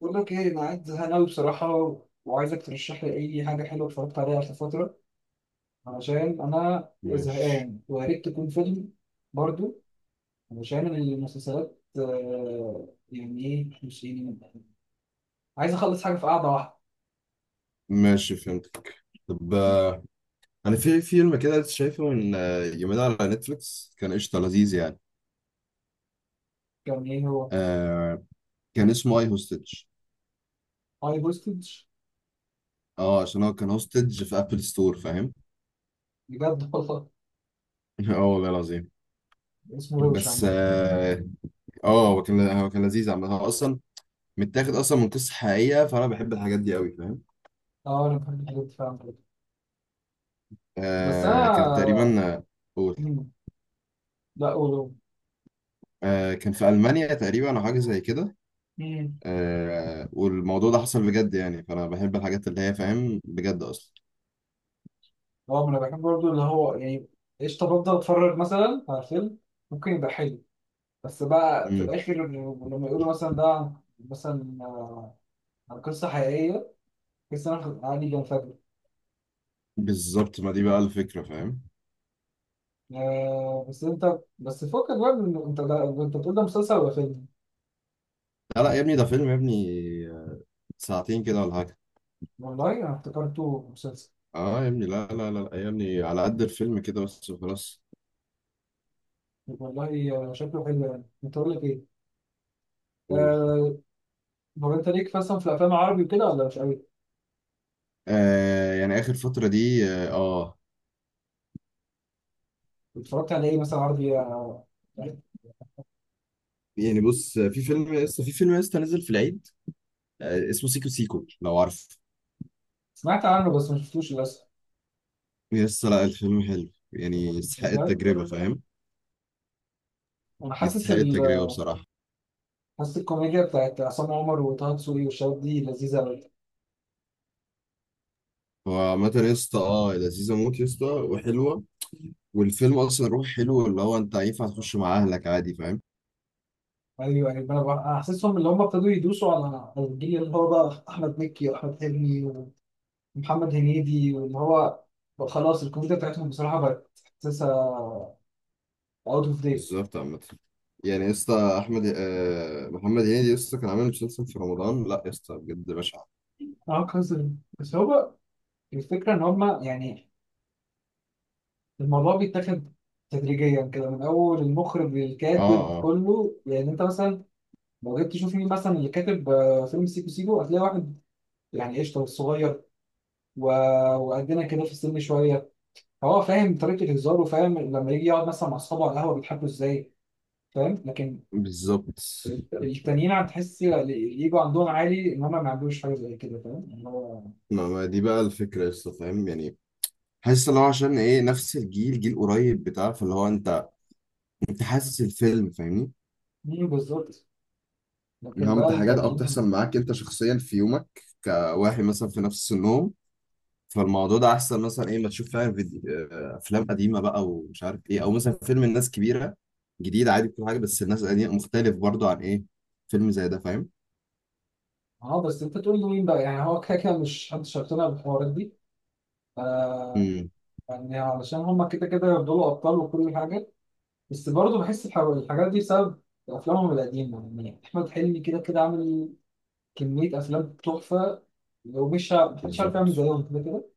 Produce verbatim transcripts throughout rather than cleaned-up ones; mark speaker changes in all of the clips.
Speaker 1: بقول لك ايه، انا قاعد زهقان أوي بصراحه، وعايزك ترشح لي اي حاجه حلوه اتفرجت عليها في فتره، علشان انا
Speaker 2: ماشي،
Speaker 1: زهقان، ويا ريت تكون فيلم برضو. علشان المسلسلات آه، يعني ايه، مش يعني عايز اخلص حاجه في قعده واحده.
Speaker 2: ماشي، فهمتك. طب، آه، انا في فيلم كده لسه شايفه من آه، يومين على نتفليكس، كان قشطه لذيذ يعني.
Speaker 1: كان ايه هو؟
Speaker 2: آه كان اسمه اي هوستج.
Speaker 1: هاي بوستج؟
Speaker 2: اه عشان هو كان هوستج في ابل ستور، فاهم؟
Speaker 1: بجد والله؟
Speaker 2: اه، والله العظيم.
Speaker 1: اسمه روش
Speaker 2: بس
Speaker 1: عامه.
Speaker 2: اه آه، هو كان هو كان لذيذ عامة. هو اصلا متاخد اصلا من قصه حقيقيه، فانا بحب الحاجات دي قوي، فاهم؟
Speaker 1: اه، انا بحب الحاجات دي فعلا كده. بس
Speaker 2: آه كان
Speaker 1: انا
Speaker 2: تقريبا آه، قول.
Speaker 1: مم. لا قولوا.
Speaker 2: آه كان في المانيا تقريبا او حاجه زي كده. آه والموضوع ده حصل بجد يعني، فانا بحب الحاجات اللي هي، فاهم، بجد اصلا.
Speaker 1: اه، ما انا بحب برضو، اللي هو يعني قشطه. بفضل اتفرج مثلا على فيلم ممكن يبقى حلو، بس بقى في
Speaker 2: امم
Speaker 1: الاخر لما يقولوا مثلا ده عن- مثلا آه، عن قصه حقيقيه، تحس ان انا عادي بنفجر.
Speaker 2: بالظبط، ما دي بقى الفكره، فاهم؟
Speaker 1: آه، بس انت، بس فكك بقى من، انت ده انت بتقول ده مسلسل ولا فيلم؟
Speaker 2: لا، لا، يا ابني، ده فيلم يا ابني. ساعتين كده ولا حاجه.
Speaker 1: والله انا افتكرته مسلسل.
Speaker 2: اه، يا ابني، لا، لا، لا، لا يا ابني، على قد الفيلم كده بس وخلاص.
Speaker 1: والله آه، شكله حلو. يعني انت اقول لك ايه؟
Speaker 2: قول.
Speaker 1: آه، هو انت ليك مثلا في الافلام العربي وكده ولا مش قوي؟
Speaker 2: آه يعني اخر فتره دي. اه آه.
Speaker 1: اتفرجت على ايه مثلا عربي؟ آه،
Speaker 2: يعني بص، في فيلم لسه في فيلم لسه نزل في العيد. آه اسمه سيكو سيكو، لو عارف.
Speaker 1: سمعت عنه بس ما شفتوش للاسف.
Speaker 2: لسه لا، الفيلم حلو يعني، يستحق
Speaker 1: بجد؟
Speaker 2: التجربه، فاهم؟
Speaker 1: انا حاسس
Speaker 2: يستحق
Speaker 1: ال...
Speaker 2: التجربه بصراحه.
Speaker 1: حاسس الكوميديا بتاعت عصام عمر وطه دسوقي والشباب دي لذيذه قوي.
Speaker 2: هو عامة يا اسطى، اه لذيذة موت يا اسطى وحلوة. والفيلم أصلا روح حلو، اللي هو أنت ينفع تخش مع أهلك عادي، فاهم؟
Speaker 1: ايوه ايوه، انا بقى- حاسسهم اللي هم ابتدوا يدوسوا على على الجيل اللي هو بقى احمد مكي واحمد حلمي ومحمد هنيدي، واللي هو بقى خلاص الكوميديا بتاعتهم بصراحه بقت، حاسسها اوت اوف ديت.
Speaker 2: بالظبط، عامة يعني يا اسطى أحمد آه محمد هنيدي، يا اسطى كان عامل مسلسل في رمضان لا يا اسطى بجد بشع.
Speaker 1: اه كذا. بس هو بقى الفكره ان هم يعني الموضوع بيتاخد تدريجيا كده، من اول المخرج
Speaker 2: اه،
Speaker 1: للكاتب
Speaker 2: اه،
Speaker 1: كله. يعني انت مثلا لو جيت تشوف مين مثلا اللي كاتب آه، فيلم سيكو سيكو، هتلاقي واحد يعني قشطه والصغير وقدنا كده في السن شويه، هو فاهم طريقة هزاره، وفاهم لما يجي يقعد مثلا مع أصحابه على القهوة بيضحكوا إزاي، فاهم. لكن
Speaker 2: بالظبط
Speaker 1: الت- التانيين هتحس الإيجو عندهم عالي، إن هما ما عندوش حاجة زي كده، فاهم اللي هو.
Speaker 2: ما ما دي بقى الفكرة يا اسطى، فاهم يعني؟ حاسس اللي هو عشان ايه نفس الجيل، جيل قريب بتاع، فاللي هو انت، انت حاسس الفيلم، فاهمني؟
Speaker 1: مين بالظبط؟
Speaker 2: اللي
Speaker 1: لكن
Speaker 2: هو
Speaker 1: بقى
Speaker 2: انت حاجات اه
Speaker 1: التانيين،
Speaker 2: بتحصل معاك انت شخصيا في يومك كواحد مثلا في نفس سنهم. فالموضوع ده احسن مثلا، ايه، ما تشوف فعلا فيديو، آه، افلام قديمه بقى ومش عارف ايه، او مثلا فيلم الناس كبيره جديد عادي. كل حاجه، بس الناس القديمه مختلف برضو عن ايه، فيلم زي ده، فاهم؟
Speaker 1: أه بس أنت تقول له مين بقى؟ يعني هو كده كده مش محدش هيقتنع بالحوارات دي. آه،
Speaker 2: امم.
Speaker 1: يعني علشان هما كده كده يفضلوا أبطال وكل حاجة. بس برضه بحس الح- الحاجات دي بسبب أفلامهم القديمة. يعني أحمد حلمي كده كده عامل كمية أفلام تحفة، ومش ه- محدش عارف
Speaker 2: بالظبط.
Speaker 1: يعمل زيهم كده كده.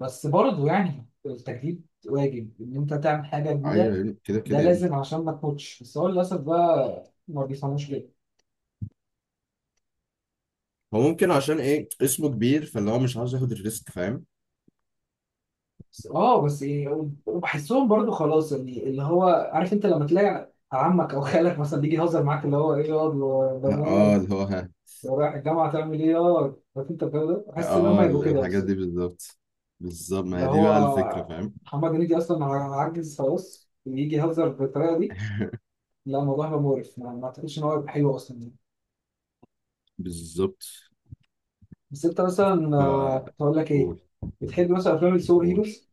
Speaker 1: بس برضه يعني التجديد واجب، ان انت تعمل حاجه
Speaker 2: ايوه
Speaker 1: جديده.
Speaker 2: يعني كده
Speaker 1: ده
Speaker 2: كده يعني.
Speaker 1: لازم عشان ما تموتش، بس هو للاسف بقى ما بيفهموش كده.
Speaker 2: هو ممكن عشان ايه اسمه كبير، فاللي هو مش عاوز ياخد الريسك، فاهم؟
Speaker 1: بس اه، بس ايه، وبحسهم برضه خلاص يعني اللي هو، عارف انت لما تلاقي عمك او خالك مثلا بيجي يهزر معاك، اللي هو ايه ياض يا
Speaker 2: اه،
Speaker 1: بنات،
Speaker 2: اللي هو، ها،
Speaker 1: يا رايح الجامعه تعمل ايه، يا عارف انت الجو ده. بحس ان هم
Speaker 2: اه،
Speaker 1: يبقوا
Speaker 2: ال-
Speaker 1: كده
Speaker 2: الحاجات
Speaker 1: بس.
Speaker 2: دي بالظبط. بالظبط، ما
Speaker 1: اللي
Speaker 2: هي دي
Speaker 1: هو
Speaker 2: بقى الفكره، فاهم؟
Speaker 1: محمد هنيدي اصلا عجز خلاص، ويجي يهزر بالطريقه دي، لا الموضوع هيبقى مقرف، ما ما اعتقدش ان هو هيبقى حلو اصلا.
Speaker 2: بالظبط.
Speaker 1: بس انت مثلا
Speaker 2: ف
Speaker 1: آه، كنت هقول لك ايه،
Speaker 2: قول،
Speaker 1: بتحب مثلا افلام السوبر
Speaker 2: قول.
Speaker 1: هيروز؟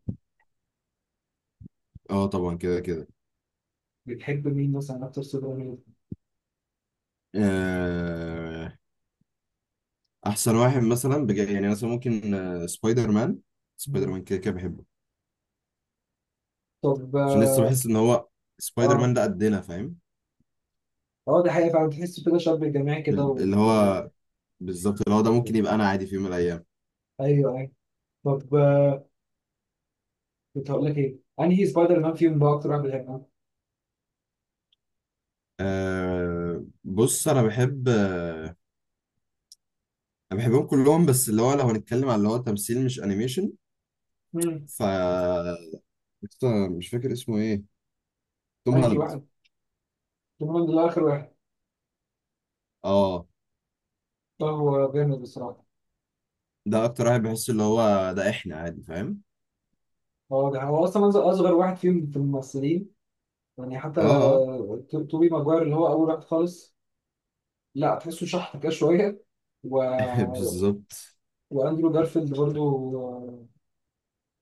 Speaker 2: اه، طبعا كده كده.
Speaker 1: بتحب مين مثلا اكتر سوبر هيرو؟
Speaker 2: آه، احسن واحد مثلا بجد يعني، مثلا ممكن آه، سبايدر مان. سبايدر
Speaker 1: مم.
Speaker 2: مان كده كده بحبه،
Speaker 1: طب
Speaker 2: عشان
Speaker 1: اه،
Speaker 2: لسه بحس ان هو سبايدر
Speaker 1: اه
Speaker 2: مان ده قدنا، فاهم؟
Speaker 1: آه، دي حقيقة فعلا، تحس كده شاب جماعي كده
Speaker 2: ال-
Speaker 1: و...
Speaker 2: اللي
Speaker 1: و-.
Speaker 2: هو بالظبط، اللي هو ده ممكن يبقى انا عادي في يوم من الايام.
Speaker 1: ايوه ايوه. طب آه، كنت هقول لك ايه، انهي سبايدر مان فيهم بقى اكتر واحد بتحبه؟
Speaker 2: أه، بص، انا بحب انا بحبهم كلهم، بس اللي هو لو هنتكلم على اللي هو تمثيل مش انيميشن.
Speaker 1: مم.
Speaker 2: ف لسه مش فاكر اسمه ايه. توم
Speaker 1: انهي
Speaker 2: هولاند.
Speaker 1: واحد؟ توم هولاند ده اخر واحد.
Speaker 2: اه،
Speaker 1: ده هو جامد بصراحة.
Speaker 2: ده اكتر واحد بحس اللي هو ده احنا عادي، فاهم؟
Speaker 1: هو ده هو اصلا أصغر أصغر واحد فيهم في الممثلين. يعني حتى
Speaker 2: اه. آه.
Speaker 1: آه، تو- توبي ماجواير اللي هو اول واحد خالص، لا تحسه شحط كده شوية و...
Speaker 2: بالظبط.
Speaker 1: واندرو جارفيلد برضو، آه،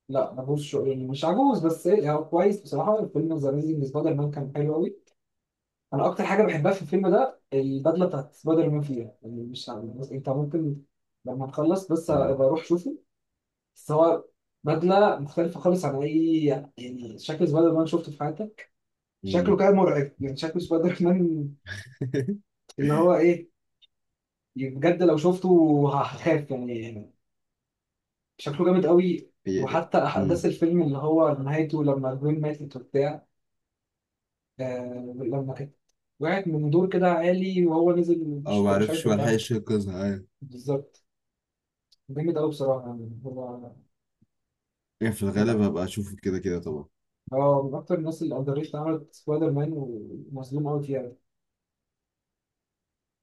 Speaker 1: لا ملهوش شغل يعني، مش عجوز بس ايه، يعني هو كويس بصراحه. الفيلم ذا اميزنج سبايدر مان كان حلو قوي. انا اكتر حاجه بحبها في الفيلم ده البدله بتاعت سبايدر مان فيها، يعني مش عارف، بس انت ممكن لما تخلص بس
Speaker 2: اه.
Speaker 1: ابقى اروح شوفه. بس هو بدله مختلفه خالص عن اي، يعني شكل سبايدر مان شفته في حياتك. شكله
Speaker 2: مم.
Speaker 1: كان مرعب، يعني شكل سبايدر مان اللي هو ايه، بجد لو شفته هخاف يعني، شكله جامد قوي.
Speaker 2: هي-
Speaker 1: وحتى
Speaker 2: مم.
Speaker 1: احداث الفيلم اللي هو نهايته لما البنت ماتت وبتاع، آه لما كانت وقعت من دور كده عالي وهو نزل،
Speaker 2: اه،
Speaker 1: مش مش عارف،
Speaker 2: معرفش،
Speaker 1: انت عارف؟
Speaker 2: ملحقش انقذها، ايوه.
Speaker 1: بالظبط. جامد قوي بصراحه يعني. هو
Speaker 2: يعني في الغالب
Speaker 1: لا،
Speaker 2: هبقى اشوفه كده كده طبعا.
Speaker 1: هو من اكتر الناس اللي اندريت عملت سبايدر مان، ومظلوم قوي فيها.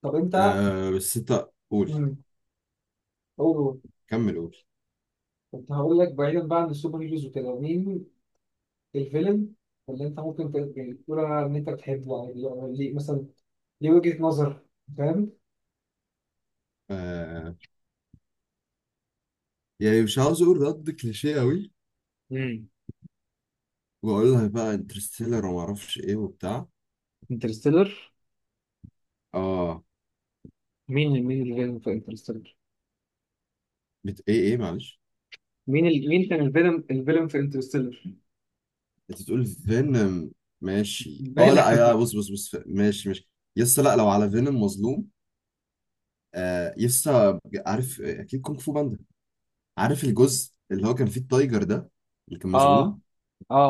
Speaker 1: طب انت،
Speaker 2: آه، بس انت قول،
Speaker 1: امم، قول،
Speaker 2: كمل قول.
Speaker 1: كنت هقول لك، بعيدا بقى عن السوبر هيروز وكده، مين الفيلن اللي انت ممكن ت- يعني تقول ان انت بتحبه، يعني ليه مثلا؟ ليه وجهة نظر؟
Speaker 2: آه يعني مش عاوز اقول رد كليشيه قوي
Speaker 1: فاهم؟
Speaker 2: واقول لها بقى انترستيلر وما اعرفش ايه وبتاع.
Speaker 1: انترستيلر؟
Speaker 2: اه،
Speaker 1: مين، مين الفيلم في انترستيلر؟
Speaker 2: بت... ايه ايه معلش.
Speaker 1: مين ال... مين كان الفيلم، الفيلم في انترستيلر؟
Speaker 2: انت بتقول فينوم. ماشي، اه،
Speaker 1: بلا
Speaker 2: لا، يا
Speaker 1: اه،
Speaker 2: بص، بص، بص، ماشي، ماشي. يسا لا، لو على فينوم مظلوم. آه يسا، عارف اكيد كونغ فو باندا؟ عارف الجزء اللي هو كان فيه التايجر ده، اللي كان
Speaker 1: اه
Speaker 2: مسجون؟
Speaker 1: اه.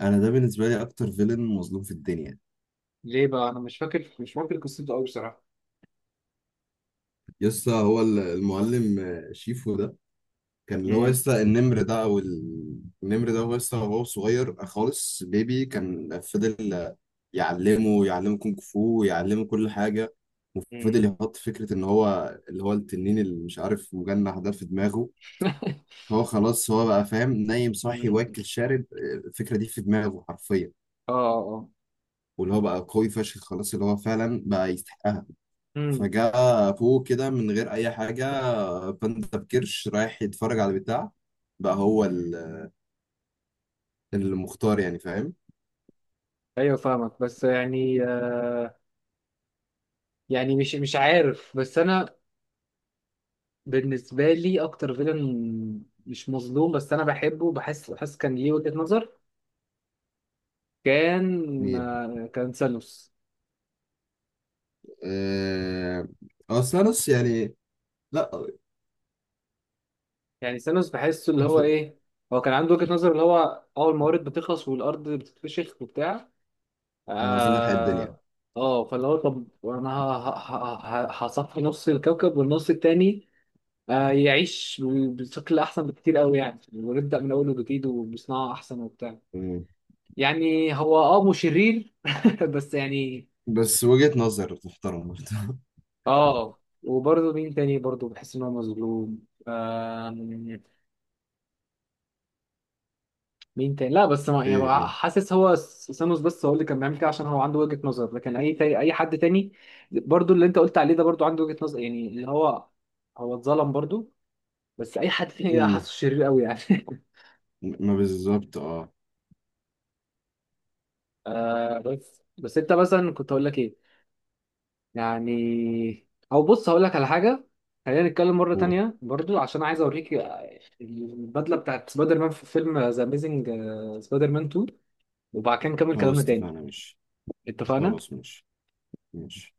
Speaker 2: انا ده بالنسبه لي اكتر فيلن مظلوم في الدنيا.
Speaker 1: ليه بقى؟ انا مش فاكر، مش فاكر قصته قوي بصراحه.
Speaker 2: يسا، هو ال- المعلم آه، شيفو ده كان اللي هو
Speaker 1: امم،
Speaker 2: لسه النمر ده او ال- النمر ده هو لسه هو صغير خالص بيبي، كان فضل يعلمه يعلمه كونغ فو، يعلمه كل حاجه. وفضل
Speaker 1: امم،
Speaker 2: يحط فكره ان هو اللي هو التنين اللي مش عارف مجنح ده في دماغه. فهو خلاص هو بقى فاهم نايم صاحي
Speaker 1: امم.
Speaker 2: واكل شارب، الفكره دي في دماغه حرفيا.
Speaker 1: اه، اه،
Speaker 2: واللي هو بقى قوي فشخ خلاص، اللي هو فعلا بقى يستحقها.
Speaker 1: امم.
Speaker 2: فجاء فوق كده من غير اي حاجه، باندا بكرش رايح يتفرج على البتاع، بقى هو ال المختار يعني، فاهم؟
Speaker 1: ايوه فاهمك بس يعني آه، يعني مش مش عارف، بس انا بالنسبه لي اكتر فيلم مش مظلوم بس انا بحبه، بحس بحس كان ليه وجهة نظر، كان
Speaker 2: مين؟
Speaker 1: آه كان ثانوس.
Speaker 2: آه... اصل نص يعني. لا.
Speaker 1: يعني ثانوس بحسه اللي هو ايه، هو كان عنده وجهة نظر، اللي هو اه الموارد بتخلص والارض بتتفشخ وبتاع.
Speaker 2: احنا عايزين نلحق الدنيا.
Speaker 1: اه اه. فاللي هو طب انا ه- ه- ه- ه- هصفي نص الكوكب، والنص التاني آه يعيش بشكل احسن بكتير قوي يعني، ونبدأ من اول وجديد وبصناعة احسن وبتاع.
Speaker 2: مم.
Speaker 1: يعني هو اه مشرير بس يعني.
Speaker 2: بس وجهة نظر تحترم برضه.
Speaker 1: اه، وبرضه مين تاني برضه بحس ان هو مظلوم؟ آه، مين تاني؟ لا بس ما يعني
Speaker 2: ايه،
Speaker 1: بقى،
Speaker 2: مين؟
Speaker 1: حاسس هو سانوس بس هو اللي كان بيعمل كده عشان هو عنده وجهة نظر، لكن اي تاني، اي حد تاني برضو اللي انت قلت عليه ده برضو عنده وجهة نظر، يعني اللي هو هو اتظلم برضو، بس اي حد تاني ده
Speaker 2: مم.
Speaker 1: حاسه شرير قوي يعني
Speaker 2: ما بالظبط، اه.
Speaker 1: آه، بس بس انت مثلا كنت هقول لك ايه، يعني او بص هقول لك على حاجة، خلينا نتكلم مرة
Speaker 2: قول.
Speaker 1: تانية برضو، عشان عايز اوريك البدلة بتاعت سبايدر مان في فيلم ذا اميزنج سبايدر مان اتنين، وبعد كده نكمل
Speaker 2: خلاص،
Speaker 1: كلامنا تاني.
Speaker 2: اتفقنا، ماشي.
Speaker 1: اتفقنا؟
Speaker 2: خلاص، ماشي، ماشي.